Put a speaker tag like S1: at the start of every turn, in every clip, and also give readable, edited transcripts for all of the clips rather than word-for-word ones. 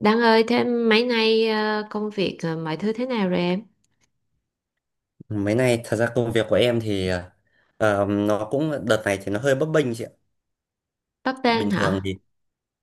S1: Đăng ơi, thế mấy nay công việc mọi thứ thế nào rồi em?
S2: Mấy nay thật ra công việc của em thì nó cũng đợt này thì nó hơi bấp bênh chị ạ.
S1: Bắp bênh
S2: Bình thường
S1: hả?
S2: thì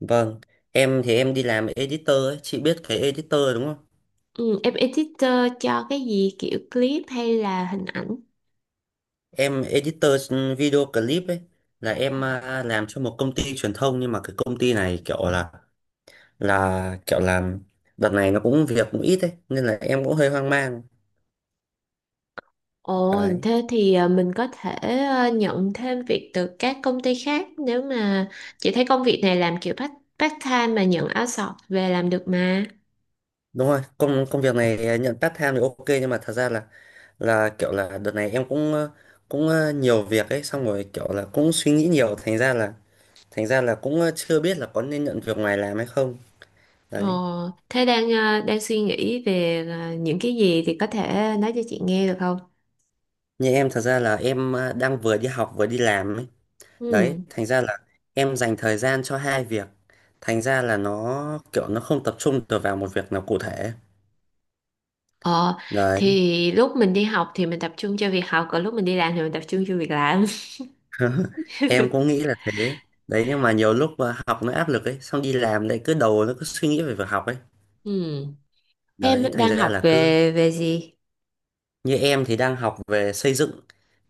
S2: vâng, em thì em đi làm editor ấy, chị biết cái editor đúng không?
S1: Ừ, em editor cho cái gì kiểu clip hay là hình ảnh?
S2: Em editor video clip ấy, là em làm cho một công ty truyền thông, nhưng mà cái công ty này kiểu là kiểu làm đợt này nó cũng việc cũng ít ấy, nên là em cũng hơi hoang mang.
S1: Ồ,
S2: Đấy.
S1: thế thì mình có thể nhận thêm việc từ các công ty khác nếu mà chị thấy công việc này làm kiểu part time mà nhận outsource về làm được mà.
S2: Đúng rồi, công công việc này nhận part time thì ok, nhưng mà thật ra là kiểu là đợt này em cũng cũng nhiều việc ấy, xong rồi kiểu là cũng suy nghĩ nhiều, thành ra là cũng chưa biết là có nên nhận việc ngoài làm hay không
S1: Ồ,
S2: đấy.
S1: thế đang đang suy nghĩ về những cái gì thì có thể nói cho chị nghe được không?
S2: Như em thật ra là em đang vừa đi học vừa đi làm ấy, đấy
S1: Ừ.
S2: thành ra là em dành thời gian cho hai việc, thành ra là nó kiểu nó không tập trung được vào một việc nào cụ thể
S1: Ờ,
S2: đấy.
S1: thì lúc mình đi học thì mình tập trung cho việc học, còn lúc mình đi làm thì mình tập trung cho việc làm.
S2: Em cũng nghĩ là thế đấy, nhưng mà nhiều lúc học nó áp lực ấy, xong đi làm lại cứ đầu nó cứ suy nghĩ về việc học ấy,
S1: Ừ. Em
S2: đấy thành
S1: đang
S2: ra
S1: học
S2: là cứ.
S1: về về gì?
S2: Như em thì đang học về xây dựng,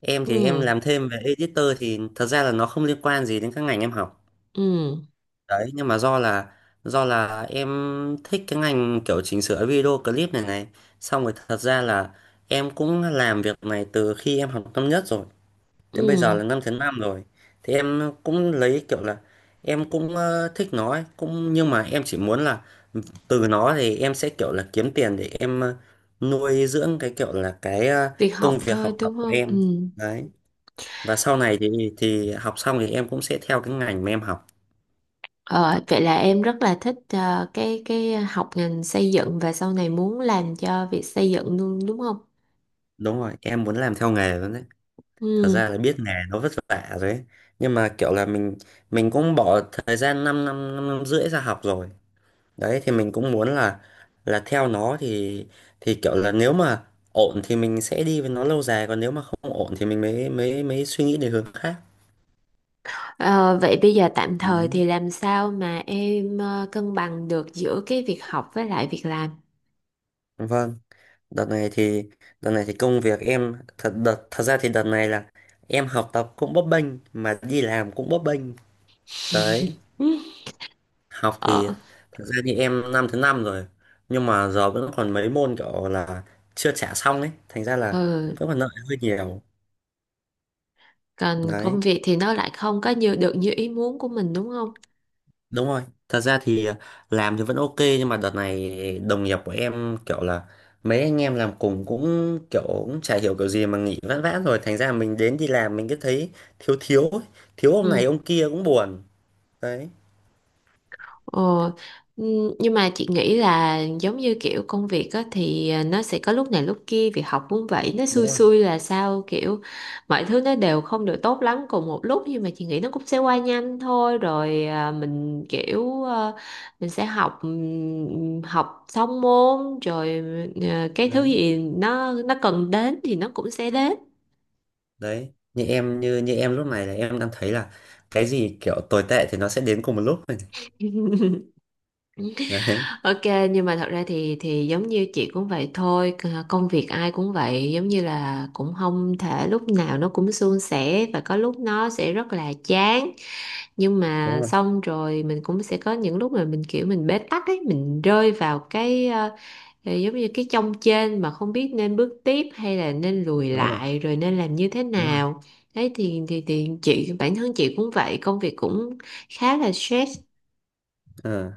S2: em thì em
S1: Ừ,
S2: làm thêm về editor thì thật ra là nó không liên quan gì đến các ngành em học.
S1: ừ,
S2: Đấy, nhưng mà do là em thích cái ngành kiểu chỉnh sửa video clip này này, xong rồi thật ra là em cũng làm việc này từ khi em học năm nhất rồi.
S1: ừ.
S2: Đến bây giờ là 5 năm rồi. Thì em cũng lấy kiểu là em cũng thích nó ấy, cũng nhưng mà em chỉ muốn là từ nó thì em sẽ kiểu là kiếm tiền để em nuôi dưỡng cái kiểu là cái
S1: Việc
S2: công
S1: học
S2: việc
S1: thôi
S2: học tập
S1: đúng
S2: của
S1: không?
S2: em.
S1: Ừ.
S2: Đấy. Và sau này thì học xong thì em cũng sẽ theo cái ngành mà em học.
S1: Ờ, vậy là em rất là thích cái học ngành xây dựng và sau này muốn làm cho việc xây dựng luôn đúng không?
S2: Đúng rồi, em muốn làm theo nghề luôn đấy. Thật
S1: Ừ.
S2: ra là biết nghề nó vất vả rồi ấy. Nhưng mà kiểu là mình cũng bỏ thời gian 5 năm, năm năm rưỡi ra học rồi, đấy thì mình cũng muốn là theo nó thì kiểu là nếu mà ổn thì mình sẽ đi với nó lâu dài, còn nếu mà không ổn thì mình mới mới mới suy nghĩ đến hướng khác.
S1: Ờ, vậy bây giờ tạm thời
S2: Đấy.
S1: thì làm sao mà em cân bằng được giữa cái việc học với lại việc làm?
S2: Vâng, đợt này thì đợt này thì công việc em thật ra thì đợt này là em học tập cũng bấp bênh, mà đi làm cũng bấp bênh đấy.
S1: Ừ.
S2: Học thì
S1: Ờ.
S2: thật ra thì em năm thứ năm rồi, nhưng mà giờ vẫn còn mấy môn kiểu là chưa trả xong ấy, thành ra là
S1: Ừ.
S2: vẫn còn nợ hơi nhiều
S1: Còn công
S2: đấy.
S1: việc thì nó lại không có như được như ý muốn của mình đúng không.
S2: Đúng rồi, thật ra thì làm thì vẫn ok, nhưng mà đợt này đồng nghiệp của em kiểu là mấy anh em làm cùng cũng kiểu cũng chả hiểu kiểu gì mà nghỉ vãn vãn rồi, thành ra mình đến đi làm mình cứ thấy thiếu thiếu ấy. Thiếu ông này
S1: Ừ.
S2: ông kia cũng buồn. Đấy,
S1: ờ ừ, nhưng mà chị nghĩ là giống như kiểu công việc á thì nó sẽ có lúc này lúc kia, việc học cũng vậy, nó
S2: đúng
S1: xui
S2: rồi.
S1: xui là sao kiểu mọi thứ nó đều không được tốt lắm cùng một lúc, nhưng mà chị nghĩ nó cũng sẽ qua nhanh thôi rồi mình kiểu mình sẽ học học xong môn rồi, cái thứ
S2: Đấy,
S1: gì nó cần đến thì nó cũng sẽ đến.
S2: đấy. Như em lúc này là em đang thấy là cái gì kiểu tồi tệ thì nó sẽ đến cùng một lúc rồi này. Đấy,
S1: Ok, nhưng mà thật ra thì giống như chị cũng vậy thôi, công việc ai cũng vậy, giống như là cũng không thể lúc nào nó cũng suôn sẻ và có lúc nó sẽ rất là chán, nhưng mà
S2: đúng rồi,
S1: xong rồi mình cũng sẽ có những lúc mà mình kiểu mình bế tắc ấy, mình rơi vào cái giống như cái chông chênh mà không biết nên bước tiếp hay là nên lùi
S2: đúng rồi,
S1: lại rồi nên làm như thế
S2: đúng rồi.
S1: nào. Đấy thì chị bản thân chị cũng vậy, công việc cũng khá là stress.
S2: Ờ.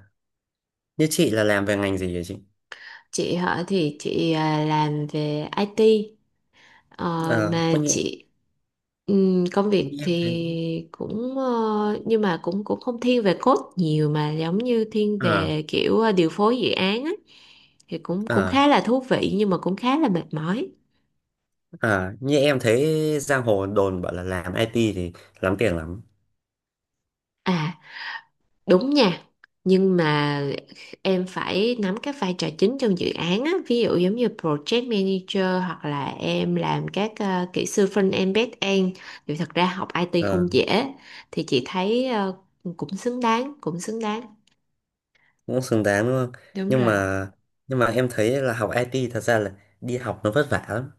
S2: Như chị là làm về ngành gì vậy chị?
S1: Chị hả thì chị làm về IT. Ờ,
S2: Ờ,
S1: mà
S2: có nhẹ,
S1: chị công
S2: như
S1: việc
S2: em thấy.
S1: thì cũng nhưng mà cũng cũng không thiên về code nhiều mà giống như thiên
S2: Ờ.
S1: về kiểu điều phối dự án á thì cũng cũng
S2: Ờ.
S1: khá là thú vị nhưng mà cũng khá là mệt mỏi.
S2: À, như em thấy giang hồ đồn bảo là làm IT thì lắm tiền lắm.
S1: À, đúng nha, nhưng mà em phải nắm các vai trò chính trong dự án á, ví dụ giống như project manager hoặc là em làm các kỹ sư front-end back-end thì thật ra học IT
S2: Ờ,
S1: không dễ, thì chị thấy cũng xứng đáng, cũng xứng đáng.
S2: cũng xứng đáng đúng không?
S1: Đúng
S2: Nhưng
S1: rồi.
S2: mà em thấy là học IT thật ra là đi học nó vất vả lắm.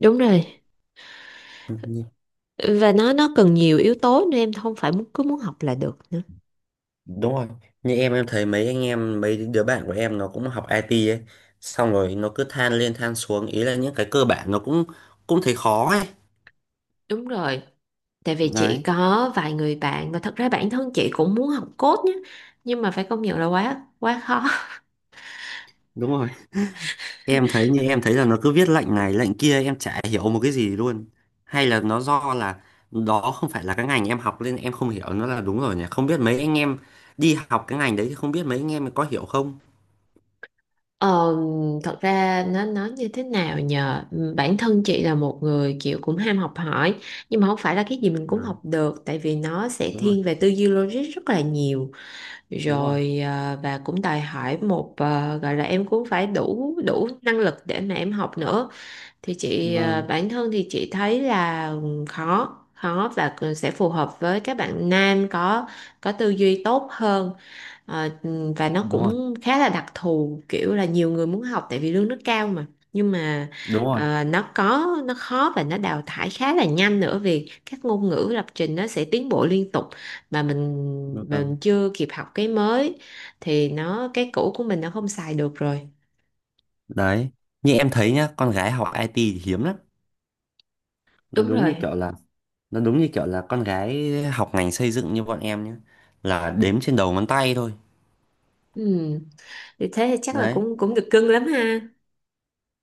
S1: Đúng rồi.
S2: Ừ,
S1: Và nó cần nhiều yếu tố nên em không phải muốn cứ muốn học là được nữa.
S2: đúng rồi. Như em thấy mấy anh em mấy đứa bạn của em nó cũng học IT ấy, xong rồi nó cứ than lên than xuống, ý là những cái cơ bản nó cũng cũng thấy khó ấy.
S1: Đúng rồi. Tại vì chị
S2: Đấy,
S1: có vài người bạn và thật ra bản thân chị cũng muốn học code nhé, nhưng mà phải công nhận là quá quá khó.
S2: đúng rồi. Em thấy như em thấy là nó cứ viết lệnh này lệnh kia em chả hiểu một cái gì luôn, hay là nó do là đó không phải là cái ngành em học nên em không hiểu nó, là đúng rồi nhỉ, không biết mấy anh em đi học cái ngành đấy thì không biết mấy anh em có hiểu không.
S1: Ờ, thật ra nó nói như thế nào nhờ. Ừ, bản thân chị là một người kiểu cũng ham học hỏi, nhưng mà không phải là cái gì mình
S2: Ừ,
S1: cũng học được tại vì nó sẽ
S2: đúng rồi,
S1: thiên về tư duy logic rất là nhiều,
S2: đúng rồi,
S1: rồi và cũng đòi hỏi một gọi là em cũng phải đủ đủ năng lực để mà em học nữa. Thì chị
S2: vâng,
S1: bản thân thì chị thấy là khó khó và sẽ phù hợp với các bạn nam có tư duy tốt hơn. Ờ, và nó
S2: đúng rồi,
S1: cũng khá là đặc thù kiểu là nhiều người muốn học tại vì lương nó cao mà, nhưng mà
S2: đúng rồi,
S1: nó có nó khó và nó đào thải khá là nhanh nữa vì các ngôn ngữ lập trình nó sẽ tiến bộ liên tục, mà
S2: vâng.
S1: mình chưa kịp học cái mới thì nó cái cũ của mình nó không xài được rồi.
S2: Đấy, như em thấy nhá, con gái học IT thì hiếm lắm. nó
S1: Đúng
S2: đúng như
S1: rồi.
S2: kiểu là nó đúng như kiểu là con gái học ngành xây dựng như bọn em nhá, là đếm trên đầu ngón tay thôi
S1: Ừ. Thì thế thì chắc là
S2: đấy.
S1: cũng cũng được cưng lắm ha.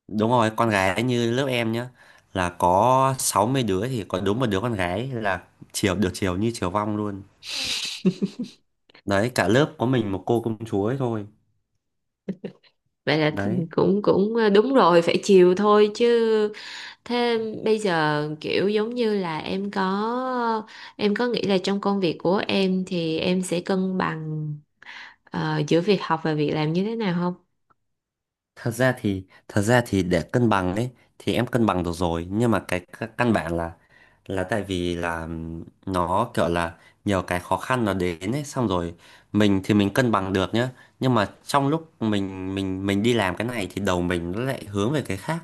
S2: Đúng rồi, con gái như lớp em nhá là có 60 đứa thì có đúng một đứa con gái, là chiều được, chiều như chiều vong luôn. Đấy, cả lớp có mình một cô công chúa ấy thôi.
S1: Vậy là
S2: Đấy,
S1: cũng cũng đúng rồi, phải chiều thôi chứ. Thế bây giờ kiểu giống như là em có nghĩ là trong công việc của em thì em sẽ cân bằng giữa việc học và việc làm như thế nào không?
S2: thật ra thì để cân bằng ấy thì em cân bằng được rồi, nhưng mà cái căn bản là tại vì là nó kiểu là nhiều cái khó khăn nó đến ấy, xong rồi mình thì mình cân bằng được nhá, nhưng mà trong lúc mình đi làm cái này thì đầu mình nó lại hướng về cái khác.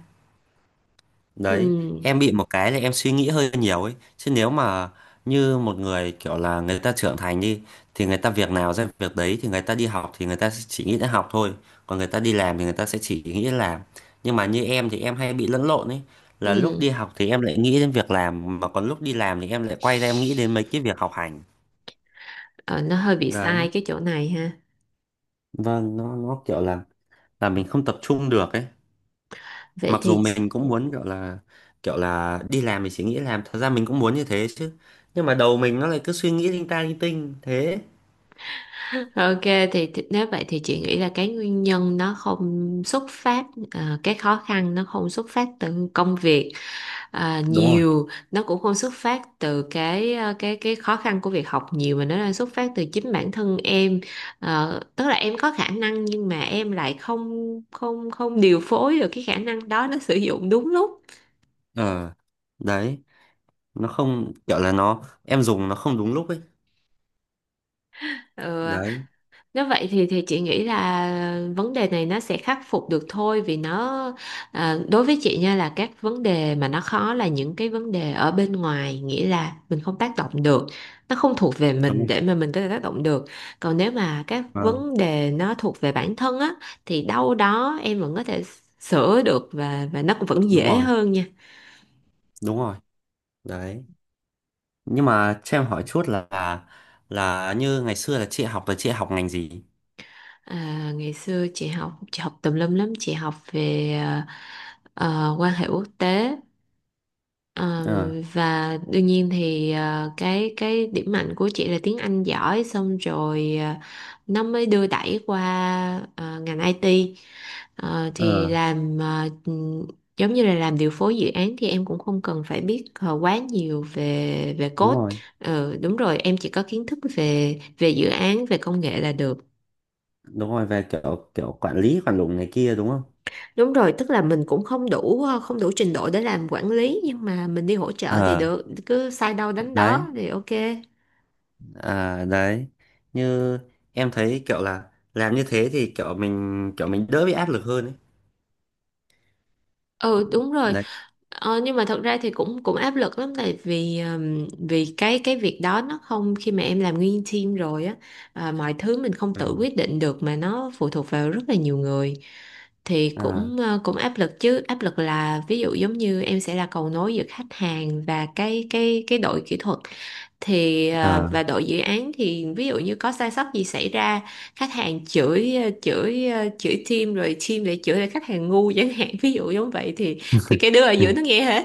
S1: Ừ.
S2: Đấy, em bị một cái là em suy nghĩ hơi nhiều ấy. Chứ nếu mà như một người kiểu là người ta trưởng thành đi, thì người ta việc nào ra việc đấy, thì người ta đi học thì người ta sẽ chỉ nghĩ đến học thôi. Còn người ta đi làm thì người ta sẽ chỉ nghĩ đến làm. Nhưng mà như em thì em hay bị lẫn lộn ấy. Là lúc
S1: Ừ.
S2: đi học thì em lại nghĩ đến việc làm, mà còn lúc đi làm thì em lại quay ra em nghĩ đến mấy cái việc học hành.
S1: Ờ, nó hơi bị sai
S2: Đấy,
S1: cái chỗ này ha.
S2: vâng, nó kiểu là mình không tập trung được ấy.
S1: Vậy
S2: Mặc dù
S1: thì
S2: mình cũng muốn kiểu là đi làm thì chỉ nghĩ làm, thật ra mình cũng muốn như thế chứ, nhưng mà đầu mình nó lại cứ suy nghĩ linh ta linh tinh thế.
S1: ok, thì nếu vậy thì chị nghĩ là cái nguyên nhân nó không xuất phát cái khó khăn nó không xuất phát từ công việc. À,
S2: Đúng rồi.
S1: nhiều nó cũng không xuất phát từ cái cái khó khăn của việc học nhiều mà nó đang xuất phát từ chính bản thân em. Ờ, tức là em có khả năng nhưng mà em lại không không không điều phối được cái khả năng đó nó sử dụng đúng lúc.
S2: Ờ. Đấy, nó không kiểu là nó em dùng nó không đúng lúc ấy
S1: Ừ,
S2: đấy.
S1: nếu vậy thì chị nghĩ là vấn đề này nó sẽ khắc phục được thôi vì nó đối với chị nha là các vấn đề mà nó khó là những cái vấn đề ở bên ngoài, nghĩa là mình không tác động được, nó không thuộc về
S2: Đúng
S1: mình
S2: không?
S1: để mà mình có thể tác động được. Còn nếu mà các
S2: Ờ.
S1: vấn đề nó thuộc về bản thân á thì đâu đó em vẫn có thể sửa được và nó cũng vẫn
S2: Đúng
S1: dễ
S2: rồi,
S1: hơn nha.
S2: đúng rồi. Đấy, nhưng mà cho em hỏi chút là như ngày xưa là chị học, là chị học ngành gì?
S1: À, ngày xưa chị học, chị học tùm lum lắm, chị học về quan hệ quốc tế. Ờ,
S2: Ờ.
S1: và đương nhiên thì cái điểm mạnh của chị là tiếng Anh giỏi, xong rồi nó mới đưa đẩy qua ngành IT. Ờ,
S2: Ờ,
S1: thì làm giống như là làm điều phối dự án thì em cũng không cần phải biết quá nhiều về về
S2: đúng
S1: code.
S2: rồi,
S1: Ờ, đúng rồi, em chỉ có kiến thức về về dự án, về công nghệ là được.
S2: đúng rồi, về kiểu kiểu quản lý quản lùng này kia đúng không.
S1: Đúng rồi, tức là mình cũng không đủ không đủ trình độ để làm quản lý nhưng mà mình đi hỗ trợ thì
S2: Ờ.
S1: được, cứ sai đâu đánh
S2: Đấy.
S1: đó thì ok.
S2: À đấy, như em thấy kiểu là làm như thế thì kiểu mình đỡ bị áp lực hơn ấy.
S1: Ừ đúng rồi.
S2: Đấy.
S1: Nhưng mà thật ra thì cũng cũng áp lực lắm tại vì vì cái việc đó nó không, khi mà em làm nguyên team rồi á, mọi thứ mình không tự
S2: Ừ.
S1: quyết định được mà nó phụ thuộc vào rất là nhiều người. Thì
S2: À,
S1: cũng cũng áp lực chứ, áp lực là ví dụ giống như em sẽ là cầu nối giữa khách hàng và cái đội kỹ thuật thì
S2: à.
S1: và đội dự án, thì ví dụ như có sai sót gì xảy ra, khách hàng chửi chửi team rồi team lại chửi lại khách hàng ngu chẳng hạn, ví dụ giống vậy, thì cái đứa ở
S2: Ừ.
S1: giữa nó nghe hết.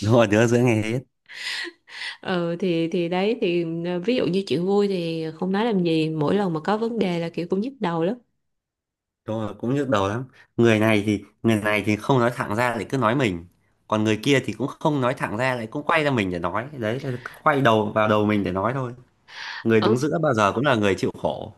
S2: Đúng rồi, đứa giữa ngày hết.
S1: Ừ thì đấy thì ví dụ như chuyện vui thì không nói làm gì, mỗi lần mà có vấn đề là kiểu cũng nhức đầu lắm.
S2: Đúng rồi, cũng nhức đầu lắm. Người này thì không nói thẳng ra lại cứ nói mình. Còn người kia thì cũng không nói thẳng ra lại cũng quay ra mình để nói. Đấy là cứ quay đầu vào đầu mình để nói thôi. Người
S1: Ờ,
S2: đứng giữa bao giờ cũng là người chịu khổ.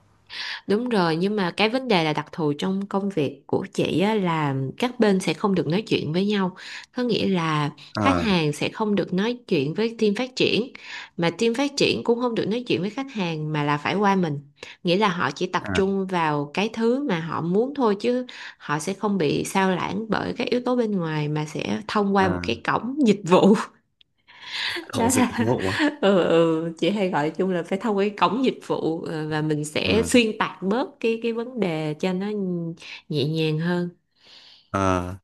S1: đúng rồi, nhưng mà cái vấn đề là đặc thù trong công việc của chị á, là các bên sẽ không được nói chuyện với nhau. Có nghĩa là khách
S2: À,
S1: hàng sẽ không được nói chuyện với team phát triển, mà team phát triển cũng không được nói chuyện với khách hàng mà là phải qua mình. Nghĩa là họ chỉ tập
S2: à,
S1: trung vào cái thứ mà họ muốn thôi chứ họ sẽ không bị sao lãng bởi các yếu tố bên ngoài mà sẽ thông qua một
S2: à.
S1: cái cổng dịch vụ, đó
S2: Cổng dịch
S1: là
S2: vụ. À,
S1: chị hay gọi chung là phải thông qua cái cổng dịch vụ và mình sẽ
S2: à.
S1: xuyên tạc bớt cái vấn đề cho nó nhẹ nhàng hơn.
S2: Ờ.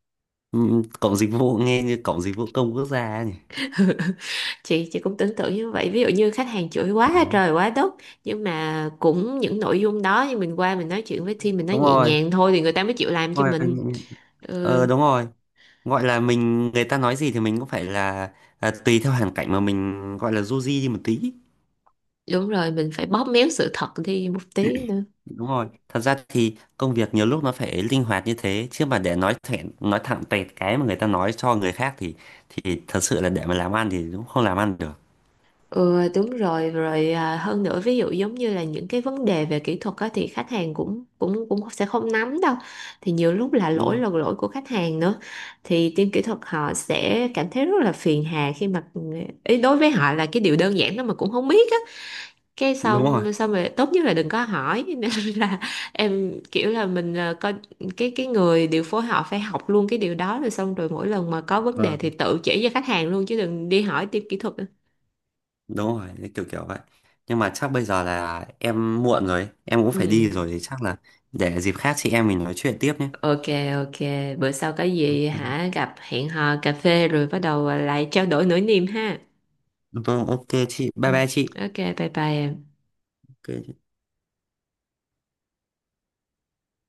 S2: Ừ, cổng dịch vụ nghe như cổng dịch vụ công quốc gia ấy nhỉ.
S1: Chị cũng tưởng tượng như vậy, ví dụ như khách hàng chửi quá trời quá đất nhưng mà cũng những nội dung đó như mình qua mình nói chuyện với team, mình nói
S2: Đúng
S1: nhẹ
S2: rồi.
S1: nhàng thôi thì người ta mới chịu làm cho
S2: Ngoài
S1: mình. Ừ,
S2: ờ, đúng rồi, gọi là mình, người ta nói gì thì mình cũng phải là, tùy theo hoàn cảnh mà mình gọi là du di đi một tí.
S1: đúng rồi, mình phải bóp méo sự thật đi một tí.
S2: Đúng rồi, thật ra thì công việc nhiều lúc nó phải linh hoạt như thế chứ, mà để nói thẳng tẹt cái mà người ta nói cho người khác thì thật sự là để mà làm ăn thì cũng không làm ăn được.
S1: Ừ đúng rồi rồi, hơn nữa ví dụ giống như là những cái vấn đề về kỹ thuật á, thì khách hàng cũng cũng cũng sẽ không nắm đâu, thì nhiều lúc
S2: Đúng rồi,
S1: là lỗi của khách hàng nữa, thì team kỹ thuật họ sẽ cảm thấy rất là phiền hà khi mà ý đối với họ là cái điều đơn giản đó mà cũng không biết á, cái
S2: đúng rồi,
S1: xong xong rồi tốt nhất là đừng có hỏi nên là em kiểu là mình coi cái người điều phối họ phải học luôn cái điều đó rồi xong rồi mỗi lần mà có vấn đề
S2: vâng,
S1: thì tự chỉ cho khách hàng luôn chứ đừng đi hỏi team kỹ thuật nữa.
S2: đúng rồi, cái kiểu kiểu vậy. Nhưng mà chắc bây giờ là em muộn rồi, em cũng phải
S1: Ừ.
S2: đi rồi thì chắc là để dịp khác chị em mình nói chuyện tiếp nhé.
S1: Ok, ok, bữa sau có gì hả gặp hẹn hò cà phê rồi bắt đầu lại trao đổi nỗi niềm ha.
S2: Vâng, ok chị,
S1: Ừ.
S2: bye bye chị.
S1: Ok, bye bye em.
S2: Cái.